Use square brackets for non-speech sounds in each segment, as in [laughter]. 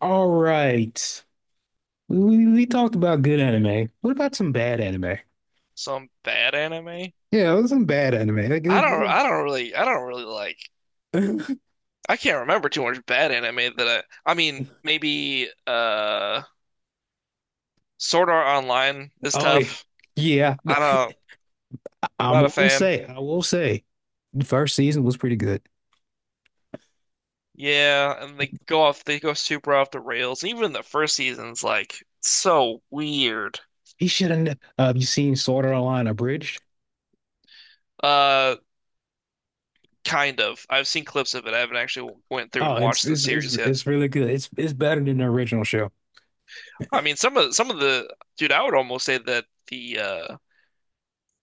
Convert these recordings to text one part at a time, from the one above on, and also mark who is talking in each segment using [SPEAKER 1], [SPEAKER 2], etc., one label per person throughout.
[SPEAKER 1] All right. We talked about good anime. What about some bad anime?
[SPEAKER 2] Some bad anime.
[SPEAKER 1] Yeah, it was some bad anime. Like,
[SPEAKER 2] I don't I don't really I don't really like
[SPEAKER 1] it-
[SPEAKER 2] I can't remember too much bad anime that I mean maybe, Sword Art Online
[SPEAKER 1] [laughs]
[SPEAKER 2] is
[SPEAKER 1] Oh yeah.
[SPEAKER 2] tough.
[SPEAKER 1] Yeah.
[SPEAKER 2] I don't I'm not a fan.
[SPEAKER 1] I will say, the first season was pretty good.
[SPEAKER 2] Yeah, and they go super off the rails. Even the first season's like so weird.
[SPEAKER 1] He shouldn't You seen Sword Art Online Abridged?
[SPEAKER 2] Uh Kind of. I've seen clips of it. I haven't actually went through
[SPEAKER 1] Oh,
[SPEAKER 2] and
[SPEAKER 1] it's
[SPEAKER 2] watched the
[SPEAKER 1] it's it's
[SPEAKER 2] series yet.
[SPEAKER 1] it's really good. It's better than the original show.
[SPEAKER 2] I mean some of the dude, I would almost say that the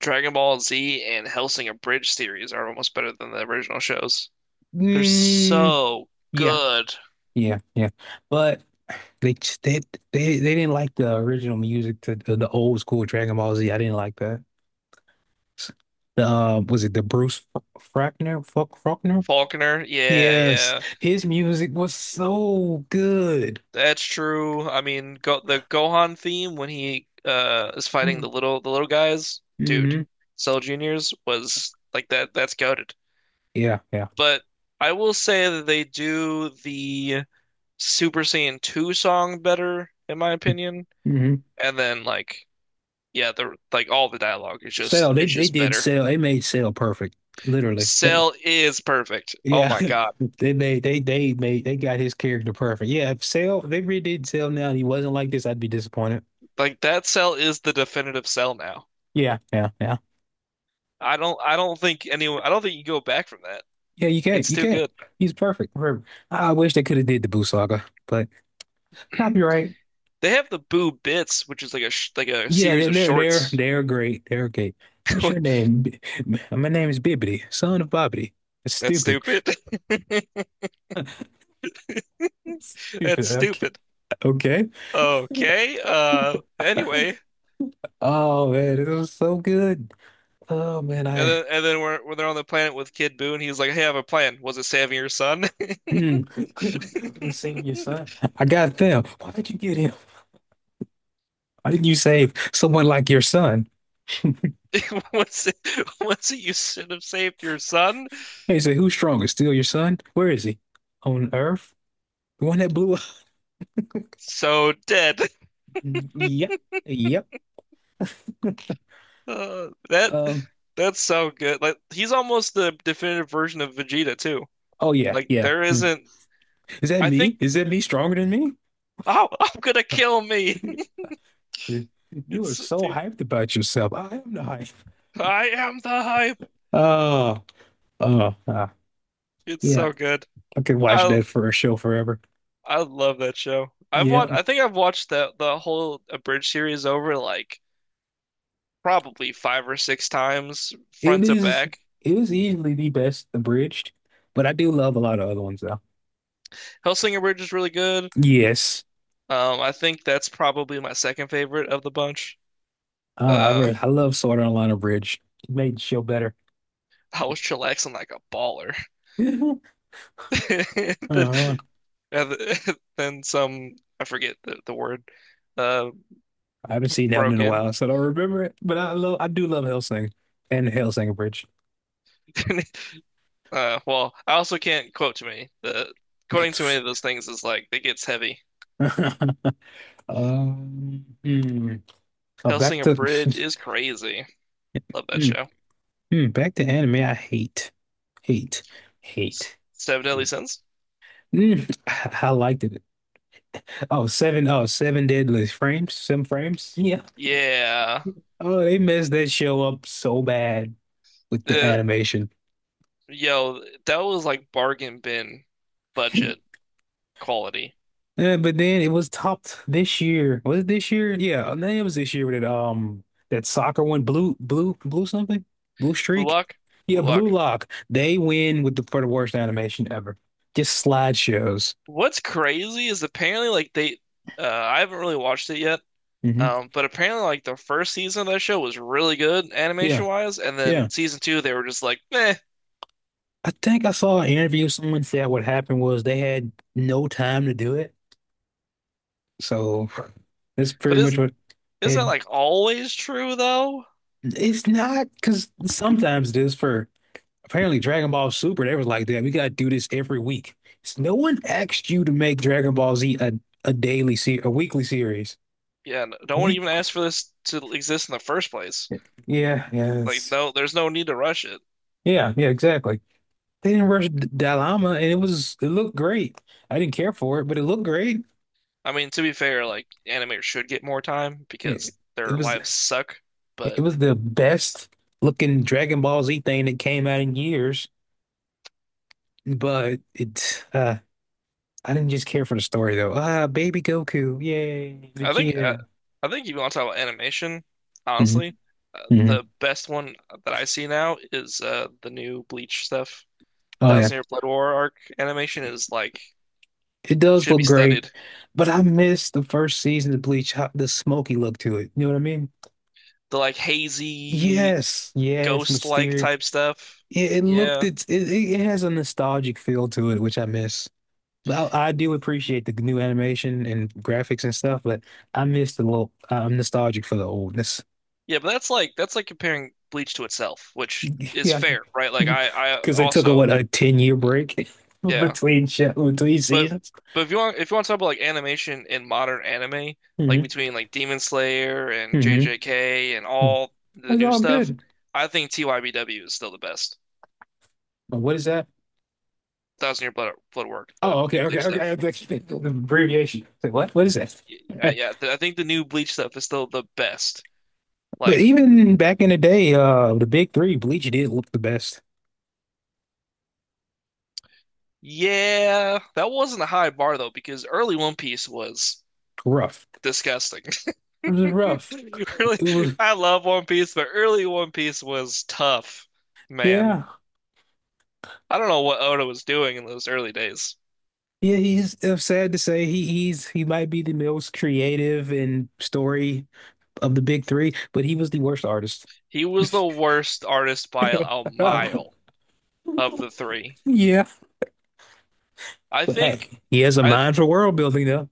[SPEAKER 2] Dragon Ball Z and Hellsing Abridged series are almost better than the original shows. They're
[SPEAKER 1] Mm,
[SPEAKER 2] so
[SPEAKER 1] yeah,
[SPEAKER 2] good.
[SPEAKER 1] yeah, yeah. But they just- they they didn't like the original music to the old school Dragon Ball Z. I didn't like that. Was it the Frackner? Fuck Faulkner?
[SPEAKER 2] Faulkner, yeah,
[SPEAKER 1] Yes,
[SPEAKER 2] yeah,
[SPEAKER 1] his music was so good.
[SPEAKER 2] that's true. I mean, go the Gohan theme when he is fighting the little guys, dude.
[SPEAKER 1] Mm-hmm.
[SPEAKER 2] Cell Juniors was like that. That's goated.
[SPEAKER 1] Yeah, yeah.
[SPEAKER 2] But I will say that they do the Super Saiyan 2 song better, in my opinion.
[SPEAKER 1] Mm-hmm.
[SPEAKER 2] And then, like, yeah, the like all the dialogue is just
[SPEAKER 1] Cell, they
[SPEAKER 2] is
[SPEAKER 1] they
[SPEAKER 2] just
[SPEAKER 1] did
[SPEAKER 2] better.
[SPEAKER 1] Cell. They made Cell perfect, literally. That,
[SPEAKER 2] Cell is perfect. Oh
[SPEAKER 1] yeah,
[SPEAKER 2] my
[SPEAKER 1] [laughs]
[SPEAKER 2] God.
[SPEAKER 1] they got his character perfect. Yeah, if Cell, if they redid Cell now, and he wasn't like this, I'd be disappointed.
[SPEAKER 2] Like that Cell is the definitive Cell now.
[SPEAKER 1] Yeah, yeah, yeah,
[SPEAKER 2] I don't think you go back from that.
[SPEAKER 1] yeah.
[SPEAKER 2] It's
[SPEAKER 1] You
[SPEAKER 2] too
[SPEAKER 1] can't.
[SPEAKER 2] good.
[SPEAKER 1] He's perfect. Perfect. I wish they could have did the Boo Saga, but
[SPEAKER 2] [clears throat]
[SPEAKER 1] copyright.
[SPEAKER 2] They have the Boo Bits, which is like a
[SPEAKER 1] Yeah,
[SPEAKER 2] series of shorts.
[SPEAKER 1] they're great. They're great. What's
[SPEAKER 2] [laughs]
[SPEAKER 1] your name? My name is Bibbidi, son of Bobbidi. It's
[SPEAKER 2] That's
[SPEAKER 1] stupid.
[SPEAKER 2] stupid.
[SPEAKER 1] [laughs]
[SPEAKER 2] [laughs] That's
[SPEAKER 1] Stupid. Okay.
[SPEAKER 2] stupid.
[SPEAKER 1] Okay.
[SPEAKER 2] Okay. Anyway,
[SPEAKER 1] Oh man, it was so good. Oh man, I
[SPEAKER 2] when they're on the planet with Kid Boo, and he's like, "Hey, I have a plan. Was it saving your son?"
[SPEAKER 1] [clears throat] let's
[SPEAKER 2] [laughs]
[SPEAKER 1] save your son. I got them. Why did you get him? Why didn't you save someone like your son? [laughs]
[SPEAKER 2] Was it was it you should have saved your son?
[SPEAKER 1] He said, "Who's strongest? Still your son? Where is he? On Earth? The one that blew up?
[SPEAKER 2] So dead.
[SPEAKER 1] Mm, yep. Yep.
[SPEAKER 2] Uh, that
[SPEAKER 1] Um.
[SPEAKER 2] that's so good. Like he's almost the definitive version of Vegeta too.
[SPEAKER 1] Oh yeah.
[SPEAKER 2] Like
[SPEAKER 1] Yeah.
[SPEAKER 2] there isn't.
[SPEAKER 1] Is that
[SPEAKER 2] I
[SPEAKER 1] me?
[SPEAKER 2] think
[SPEAKER 1] Stronger than
[SPEAKER 2] oh, I'm gonna kill me. [laughs]
[SPEAKER 1] me? [laughs] You are
[SPEAKER 2] It's
[SPEAKER 1] so
[SPEAKER 2] dude.
[SPEAKER 1] hyped about yourself. I am not hyped.
[SPEAKER 2] I am the hype.
[SPEAKER 1] Oh, oh, ah,
[SPEAKER 2] It's
[SPEAKER 1] yeah.
[SPEAKER 2] so good.
[SPEAKER 1] I could watch
[SPEAKER 2] I
[SPEAKER 1] that for a show forever.
[SPEAKER 2] I love that show. I've
[SPEAKER 1] Yeah,
[SPEAKER 2] watched. I think I've watched the whole Abridged series over like probably five or six times
[SPEAKER 1] it
[SPEAKER 2] front to
[SPEAKER 1] is.
[SPEAKER 2] back.
[SPEAKER 1] It is easily the best abridged, but I do love a lot of other ones though.
[SPEAKER 2] Hellsing Bridge is really good.
[SPEAKER 1] Yes,
[SPEAKER 2] I think that's probably my second favorite of the bunch. Uh,
[SPEAKER 1] I love Sword Art Online abridged. It made the show better.
[SPEAKER 2] I was chillaxing like a baller.
[SPEAKER 1] [laughs]
[SPEAKER 2] [laughs]
[SPEAKER 1] Uh-huh.
[SPEAKER 2] The, yeah, [laughs] then some, I forget the word, uh,
[SPEAKER 1] I haven't seen that one in
[SPEAKER 2] broke
[SPEAKER 1] a
[SPEAKER 2] in.
[SPEAKER 1] while, so I don't remember it. But I love. I do love Hellsing and Hellsing abridged.
[SPEAKER 2] [laughs] Well, I also can't quote to me. The quoting too many of those things is like it gets heavy.
[SPEAKER 1] [laughs] Mm, back
[SPEAKER 2] Hellsinger
[SPEAKER 1] to
[SPEAKER 2] Bridge is crazy.
[SPEAKER 1] [laughs]
[SPEAKER 2] Love that
[SPEAKER 1] Hmm.
[SPEAKER 2] show.
[SPEAKER 1] Hmm. Back to anime. I hate, hate, hate,
[SPEAKER 2] Seven Deadly
[SPEAKER 1] hate.
[SPEAKER 2] Sins.
[SPEAKER 1] Mm, [laughs] I liked it. Oh, seven deadly frames, seven frames. Yeah.
[SPEAKER 2] Yeah,
[SPEAKER 1] Oh, they messed that show up so bad with the
[SPEAKER 2] the
[SPEAKER 1] animation.
[SPEAKER 2] yo, that was like bargain bin
[SPEAKER 1] [laughs]
[SPEAKER 2] budget quality.
[SPEAKER 1] Yeah, but then it was topped this year. Was it this year? Yeah, I think it was this year with that that soccer one, blue something, blue
[SPEAKER 2] Blue
[SPEAKER 1] streak.
[SPEAKER 2] Lock,
[SPEAKER 1] Yeah,
[SPEAKER 2] Blue
[SPEAKER 1] Blue
[SPEAKER 2] Lock.
[SPEAKER 1] Lock. They win with the worst animation ever. Just slideshows.
[SPEAKER 2] What's crazy is apparently like they. I haven't really watched it yet.
[SPEAKER 1] Hmm.
[SPEAKER 2] But apparently, like the first season of that show was really good animation
[SPEAKER 1] Yeah,
[SPEAKER 2] wise, and
[SPEAKER 1] yeah.
[SPEAKER 2] then season two they were just like, meh.
[SPEAKER 1] I think I saw an interview. Someone said what happened was they had no time to do it. So that's pretty
[SPEAKER 2] But
[SPEAKER 1] much
[SPEAKER 2] is
[SPEAKER 1] what
[SPEAKER 2] is
[SPEAKER 1] it.
[SPEAKER 2] that like always true though?
[SPEAKER 1] It's not because sometimes it is for. Apparently, Dragon Ball Super, they was like, damn, we gotta do this every week. So no one asked you to make Dragon Ball Z a daily se a weekly series.
[SPEAKER 2] Yeah, no one
[SPEAKER 1] Week,
[SPEAKER 2] even asked for this to exist in the first place.
[SPEAKER 1] yeah,
[SPEAKER 2] Like, no, there's no need to rush it.
[SPEAKER 1] yeah, yeah, exactly. They didn't rush Dalama, and it looked great. I didn't care for it, but it looked great.
[SPEAKER 2] I mean, to be fair, like animators should get more time
[SPEAKER 1] Yeah,
[SPEAKER 2] because
[SPEAKER 1] it
[SPEAKER 2] their
[SPEAKER 1] was
[SPEAKER 2] lives suck.
[SPEAKER 1] it
[SPEAKER 2] But
[SPEAKER 1] was the best looking Dragon Ball Z thing that came out in years. But I didn't just care for the story though. Ah, baby Goku, yay,
[SPEAKER 2] I think uh,
[SPEAKER 1] Vegeta.
[SPEAKER 2] I think if you want to talk about animation,
[SPEAKER 1] Hmm.
[SPEAKER 2] honestly,
[SPEAKER 1] Hmm.
[SPEAKER 2] the best one that I see now is the new Bleach stuff.
[SPEAKER 1] Oh yeah.
[SPEAKER 2] Thousand Year Blood War arc animation is like
[SPEAKER 1] It does
[SPEAKER 2] should be
[SPEAKER 1] look great,
[SPEAKER 2] studied.
[SPEAKER 1] but I miss the first season of Bleach, how, the smoky look to it. You know what I mean?
[SPEAKER 2] The like hazy
[SPEAKER 1] Yes, yes,
[SPEAKER 2] ghost-like
[SPEAKER 1] Mysterio.
[SPEAKER 2] type stuff. Yeah.
[SPEAKER 1] It, it has a nostalgic feel to it, which I miss. But I do appreciate the new animation and graphics and stuff, but I miss the little. I'm nostalgic for the oldness.
[SPEAKER 2] Yeah, but that's like comparing Bleach to itself, which
[SPEAKER 1] [laughs]
[SPEAKER 2] is
[SPEAKER 1] Yeah,
[SPEAKER 2] fair, right? Like
[SPEAKER 1] [laughs]
[SPEAKER 2] I
[SPEAKER 1] because they took a
[SPEAKER 2] also
[SPEAKER 1] what a 10 year break [laughs]
[SPEAKER 2] yeah.
[SPEAKER 1] between show, between
[SPEAKER 2] But
[SPEAKER 1] seasons.
[SPEAKER 2] but if you want to talk about like animation in modern anime, like
[SPEAKER 1] Hmm.
[SPEAKER 2] between like Demon Slayer and
[SPEAKER 1] Hmm.
[SPEAKER 2] JJK and all the
[SPEAKER 1] It's
[SPEAKER 2] new
[SPEAKER 1] all
[SPEAKER 2] stuff,
[SPEAKER 1] good.
[SPEAKER 2] I think TYBW is still the best.
[SPEAKER 1] But what is that?
[SPEAKER 2] Thousand Year Blood War, the
[SPEAKER 1] Oh, okay,
[SPEAKER 2] new
[SPEAKER 1] okay,
[SPEAKER 2] Bleach
[SPEAKER 1] okay.
[SPEAKER 2] stuff.
[SPEAKER 1] That's [laughs] the abbreviation. It's like, what? What is
[SPEAKER 2] Yeah,
[SPEAKER 1] that?
[SPEAKER 2] yeah,
[SPEAKER 1] [laughs]
[SPEAKER 2] I think the new Bleach stuff is still the best.
[SPEAKER 1] But
[SPEAKER 2] Like,
[SPEAKER 1] even back in the day, the big three, Bleach did look the best.
[SPEAKER 2] yeah, that wasn't a high bar though, because early One Piece was
[SPEAKER 1] Rough.
[SPEAKER 2] disgusting. [laughs]
[SPEAKER 1] It was rough.
[SPEAKER 2] Really,
[SPEAKER 1] It was,
[SPEAKER 2] I love One Piece, but early One Piece was tough, man.
[SPEAKER 1] yeah,
[SPEAKER 2] I don't know what Oda was doing in those early days.
[SPEAKER 1] yeah. He's it's sad to say he might be the most creative and story of the big three, but he was the worst artist.
[SPEAKER 2] He was the worst artist by a mile
[SPEAKER 1] [laughs]
[SPEAKER 2] of the three.
[SPEAKER 1] Yeah,
[SPEAKER 2] I
[SPEAKER 1] but hey,
[SPEAKER 2] think
[SPEAKER 1] he has a
[SPEAKER 2] I
[SPEAKER 1] mind for world building though.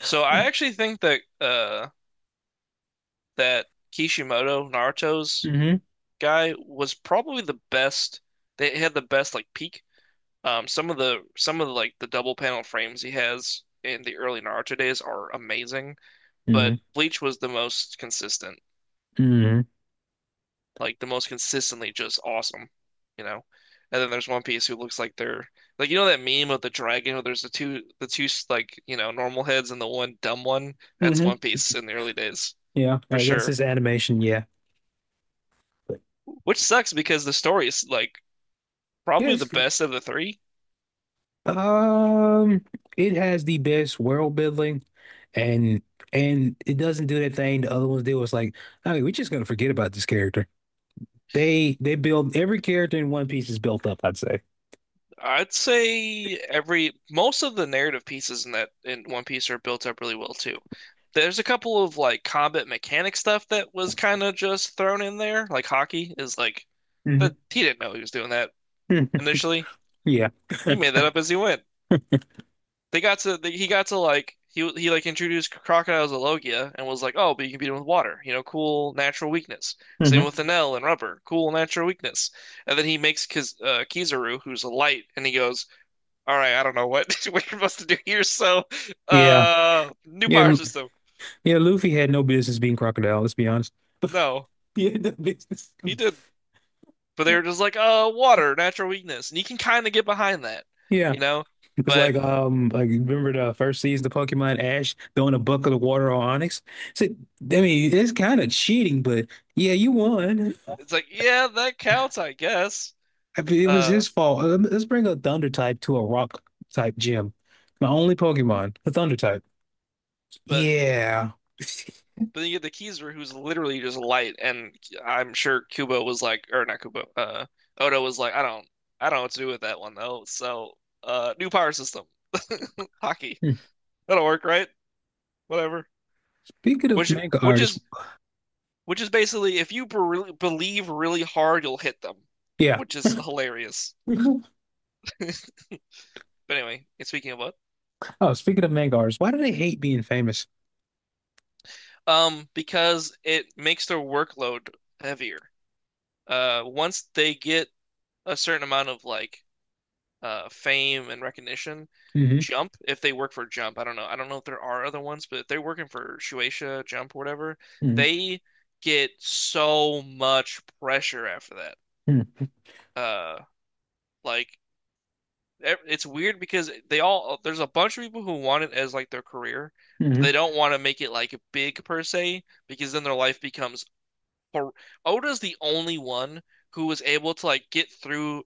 [SPEAKER 2] I actually think that that Kishimoto, Naruto's
[SPEAKER 1] Mm-hmm.
[SPEAKER 2] guy was probably the best. They had the best like peak. Some of the like the double panel frames he has in the early Naruto days are amazing, but
[SPEAKER 1] Mm-hmm.
[SPEAKER 2] Bleach was the most consistent,
[SPEAKER 1] Mm-hmm.
[SPEAKER 2] like the most consistently just awesome, you know. And then there's One Piece who looks like they're like you know that meme of the dragon where there's the two like you know normal heads and the one dumb one. That's
[SPEAKER 1] Mm-hmm.
[SPEAKER 2] One Piece in the early days
[SPEAKER 1] Yeah,
[SPEAKER 2] for
[SPEAKER 1] that's
[SPEAKER 2] sure,
[SPEAKER 1] his animation. Yeah, but
[SPEAKER 2] which sucks because the story is like probably the
[SPEAKER 1] yes.
[SPEAKER 2] best of the three.
[SPEAKER 1] Um, it has the best world building, and and it doesn't do that thing the other ones do. It's like, okay, we're just gonna forget about this character. They build every character in One Piece is built up, I'd say.
[SPEAKER 2] I'd say every most of the narrative pieces in One Piece are built up really well too. There's a couple of like combat mechanic stuff that was kind of just thrown in there. Like hockey is like that
[SPEAKER 1] Hmm.
[SPEAKER 2] he didn't know he was doing that
[SPEAKER 1] [laughs]
[SPEAKER 2] initially.
[SPEAKER 1] Yeah.
[SPEAKER 2] He made that up
[SPEAKER 1] [laughs]
[SPEAKER 2] as he went. They got to he got to like he like introduced crocodiles to Logia and was like, "Oh, but you can beat them with water. You know, cool natural weakness." Same
[SPEAKER 1] Hmm.
[SPEAKER 2] with Enel and Rubber, cool natural weakness. And then he makes Kizaru, who's a light, and he goes, all right, I don't know what [laughs] we're supposed to do here. So,
[SPEAKER 1] Yeah.
[SPEAKER 2] new power
[SPEAKER 1] Yeah.
[SPEAKER 2] system.
[SPEAKER 1] Yeah. Luffy had no business being Crocodile. Let's be honest. [laughs]
[SPEAKER 2] No,
[SPEAKER 1] Yeah, no business.
[SPEAKER 2] he did, but they were just like, water, natural weakness, and you can kind of get behind that,
[SPEAKER 1] Yeah.
[SPEAKER 2] you know.
[SPEAKER 1] It was
[SPEAKER 2] But
[SPEAKER 1] like you remember the first season of Pokemon Ash throwing a bucket of water on Onyx? So, I mean, it's kind of cheating, but yeah, you won.
[SPEAKER 2] it's like, yeah, that counts, I guess.
[SPEAKER 1] I mean, it was
[SPEAKER 2] Uh,
[SPEAKER 1] his fault. Let's bring a Thunder type to a Rock type gym. My only Pokemon, a Thunder type.
[SPEAKER 2] but
[SPEAKER 1] Yeah.
[SPEAKER 2] but then you get the Kizaru, who's literally just light, and I'm sure Kubo was like, or not Kubo, Oda was like, I don't, know what to do with that one though. So, new power system, [laughs] hockey.
[SPEAKER 1] Hmm.
[SPEAKER 2] That'll work, right? Whatever.
[SPEAKER 1] Speaking of
[SPEAKER 2] Which
[SPEAKER 1] manga
[SPEAKER 2] which
[SPEAKER 1] artists,
[SPEAKER 2] is which is basically if you believe really hard, you'll hit them,
[SPEAKER 1] yeah.
[SPEAKER 2] which is hilarious.
[SPEAKER 1] [laughs]
[SPEAKER 2] [laughs] But anyway, speaking of what,
[SPEAKER 1] Oh, speaking of manga artists, why do they hate being famous?
[SPEAKER 2] because it makes their workload heavier. Once they get a certain amount of like fame and recognition,
[SPEAKER 1] Hmm.
[SPEAKER 2] Jump, if they work for Jump, I don't know if there are other ones, but if they're working for Shueisha, Jump, whatever,
[SPEAKER 1] Hmm.
[SPEAKER 2] they get so much pressure after that. Uh, like it's weird because they all there's a bunch of people who want it as like their career, but they
[SPEAKER 1] Hmm.
[SPEAKER 2] don't want to make it like big per se because then their life becomes hor- Oda's the only one who was able to like get through,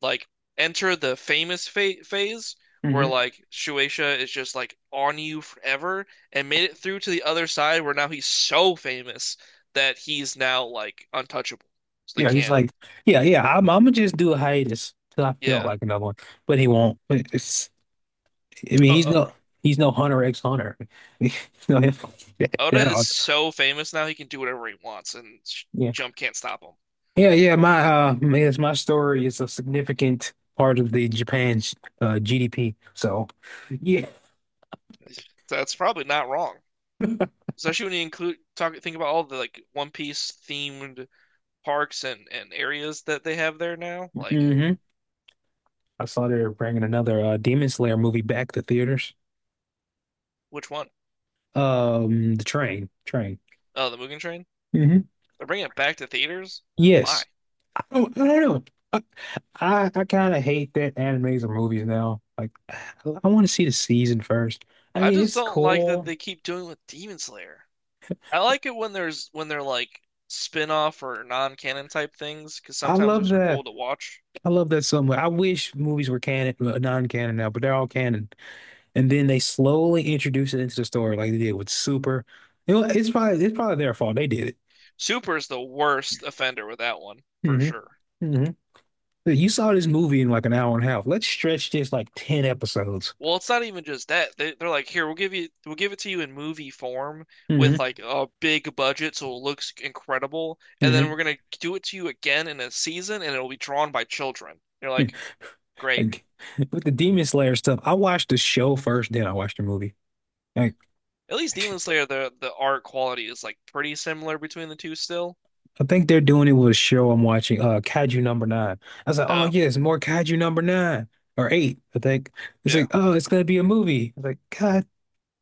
[SPEAKER 2] like enter the famous fa phase where
[SPEAKER 1] Hmm.
[SPEAKER 2] like Shueisha is just like on you forever and made it through to the other side where now he's so famous that he's now like untouchable. So they
[SPEAKER 1] Yeah, he's
[SPEAKER 2] can't.
[SPEAKER 1] like, yeah, yeah. I'm gonna just do a hiatus till I feel
[SPEAKER 2] Yeah.
[SPEAKER 1] like another one, but he won't. It's, I mean,
[SPEAKER 2] O-
[SPEAKER 1] he's no Hunter X Hunter. [laughs] No,
[SPEAKER 2] Oda
[SPEAKER 1] that
[SPEAKER 2] is
[SPEAKER 1] all-
[SPEAKER 2] so famous now, he can do whatever he wants, and
[SPEAKER 1] yeah,
[SPEAKER 2] Jump can't stop him.
[SPEAKER 1] yeah, yeah. Yes, my story is a significant part of the Japan's GDP. So, yeah,
[SPEAKER 2] So that's probably not wrong, especially when you include talk think about all the like One Piece themed parks and areas that they have there now. Like
[SPEAKER 1] hmm. I saw they're bringing another Demon Slayer movie back to theaters.
[SPEAKER 2] which one?
[SPEAKER 1] The train.
[SPEAKER 2] Oh, the Mugen Train.
[SPEAKER 1] Hmm.
[SPEAKER 2] They're bringing it back to theaters. Why?
[SPEAKER 1] Yes. Oh, I don't know. I I kind of hate that animes or movies now. Like, I want to see the season first. I
[SPEAKER 2] I
[SPEAKER 1] mean,
[SPEAKER 2] just
[SPEAKER 1] it's
[SPEAKER 2] don't like that
[SPEAKER 1] cool.
[SPEAKER 2] they keep doing it with Demon Slayer. I like it when there's when they're like spin-off or non-canon type things because
[SPEAKER 1] I
[SPEAKER 2] sometimes
[SPEAKER 1] love
[SPEAKER 2] those are
[SPEAKER 1] that.
[SPEAKER 2] cool to watch.
[SPEAKER 1] I love that so much. I wish movies were canon, non-canon now, but they're all canon. And then they slowly introduce it into the story, like they did with Super. You know, it's probably their fault. They did it.
[SPEAKER 2] Super is the worst offender with that one for
[SPEAKER 1] Hmm.
[SPEAKER 2] sure.
[SPEAKER 1] Hmm. You saw this movie in like an hour and a half. Let's stretch this like ten episodes.
[SPEAKER 2] Well, it's not even just that. They're like, here, we'll give it to you in movie form with
[SPEAKER 1] Mm-hmm.
[SPEAKER 2] like a big budget, so it looks incredible, and then we're
[SPEAKER 1] Mm-hmm.
[SPEAKER 2] gonna do it to you again in a season, and it'll be drawn by children. You're like, great.
[SPEAKER 1] Like, [laughs] with the Demon Slayer stuff, I watched the show first, then I watched the movie. Like,
[SPEAKER 2] At least Demon Slayer, the art quality is like pretty similar between the two still.
[SPEAKER 1] I think they're doing it with a show I'm watching, Kaiju Number Nine. I was like, oh
[SPEAKER 2] Oh,
[SPEAKER 1] yes, more Kaiju Number Nine or Eight. I think it's
[SPEAKER 2] yeah.
[SPEAKER 1] like, oh, it's gonna be a movie. I was like, God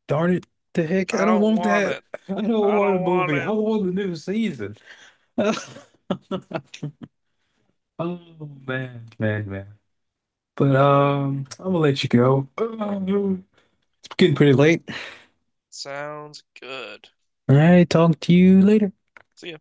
[SPEAKER 1] darn it, the heck, I
[SPEAKER 2] I
[SPEAKER 1] don't
[SPEAKER 2] don't
[SPEAKER 1] want
[SPEAKER 2] want
[SPEAKER 1] that.
[SPEAKER 2] it.
[SPEAKER 1] [laughs] I don't
[SPEAKER 2] I
[SPEAKER 1] want a
[SPEAKER 2] don't want
[SPEAKER 1] movie. I
[SPEAKER 2] it.
[SPEAKER 1] want the new season. [laughs] Oh man, man, man. But I'm gonna let you go. Oh, it's getting pretty late.
[SPEAKER 2] Sounds good.
[SPEAKER 1] All right, talk to you later.
[SPEAKER 2] See ya.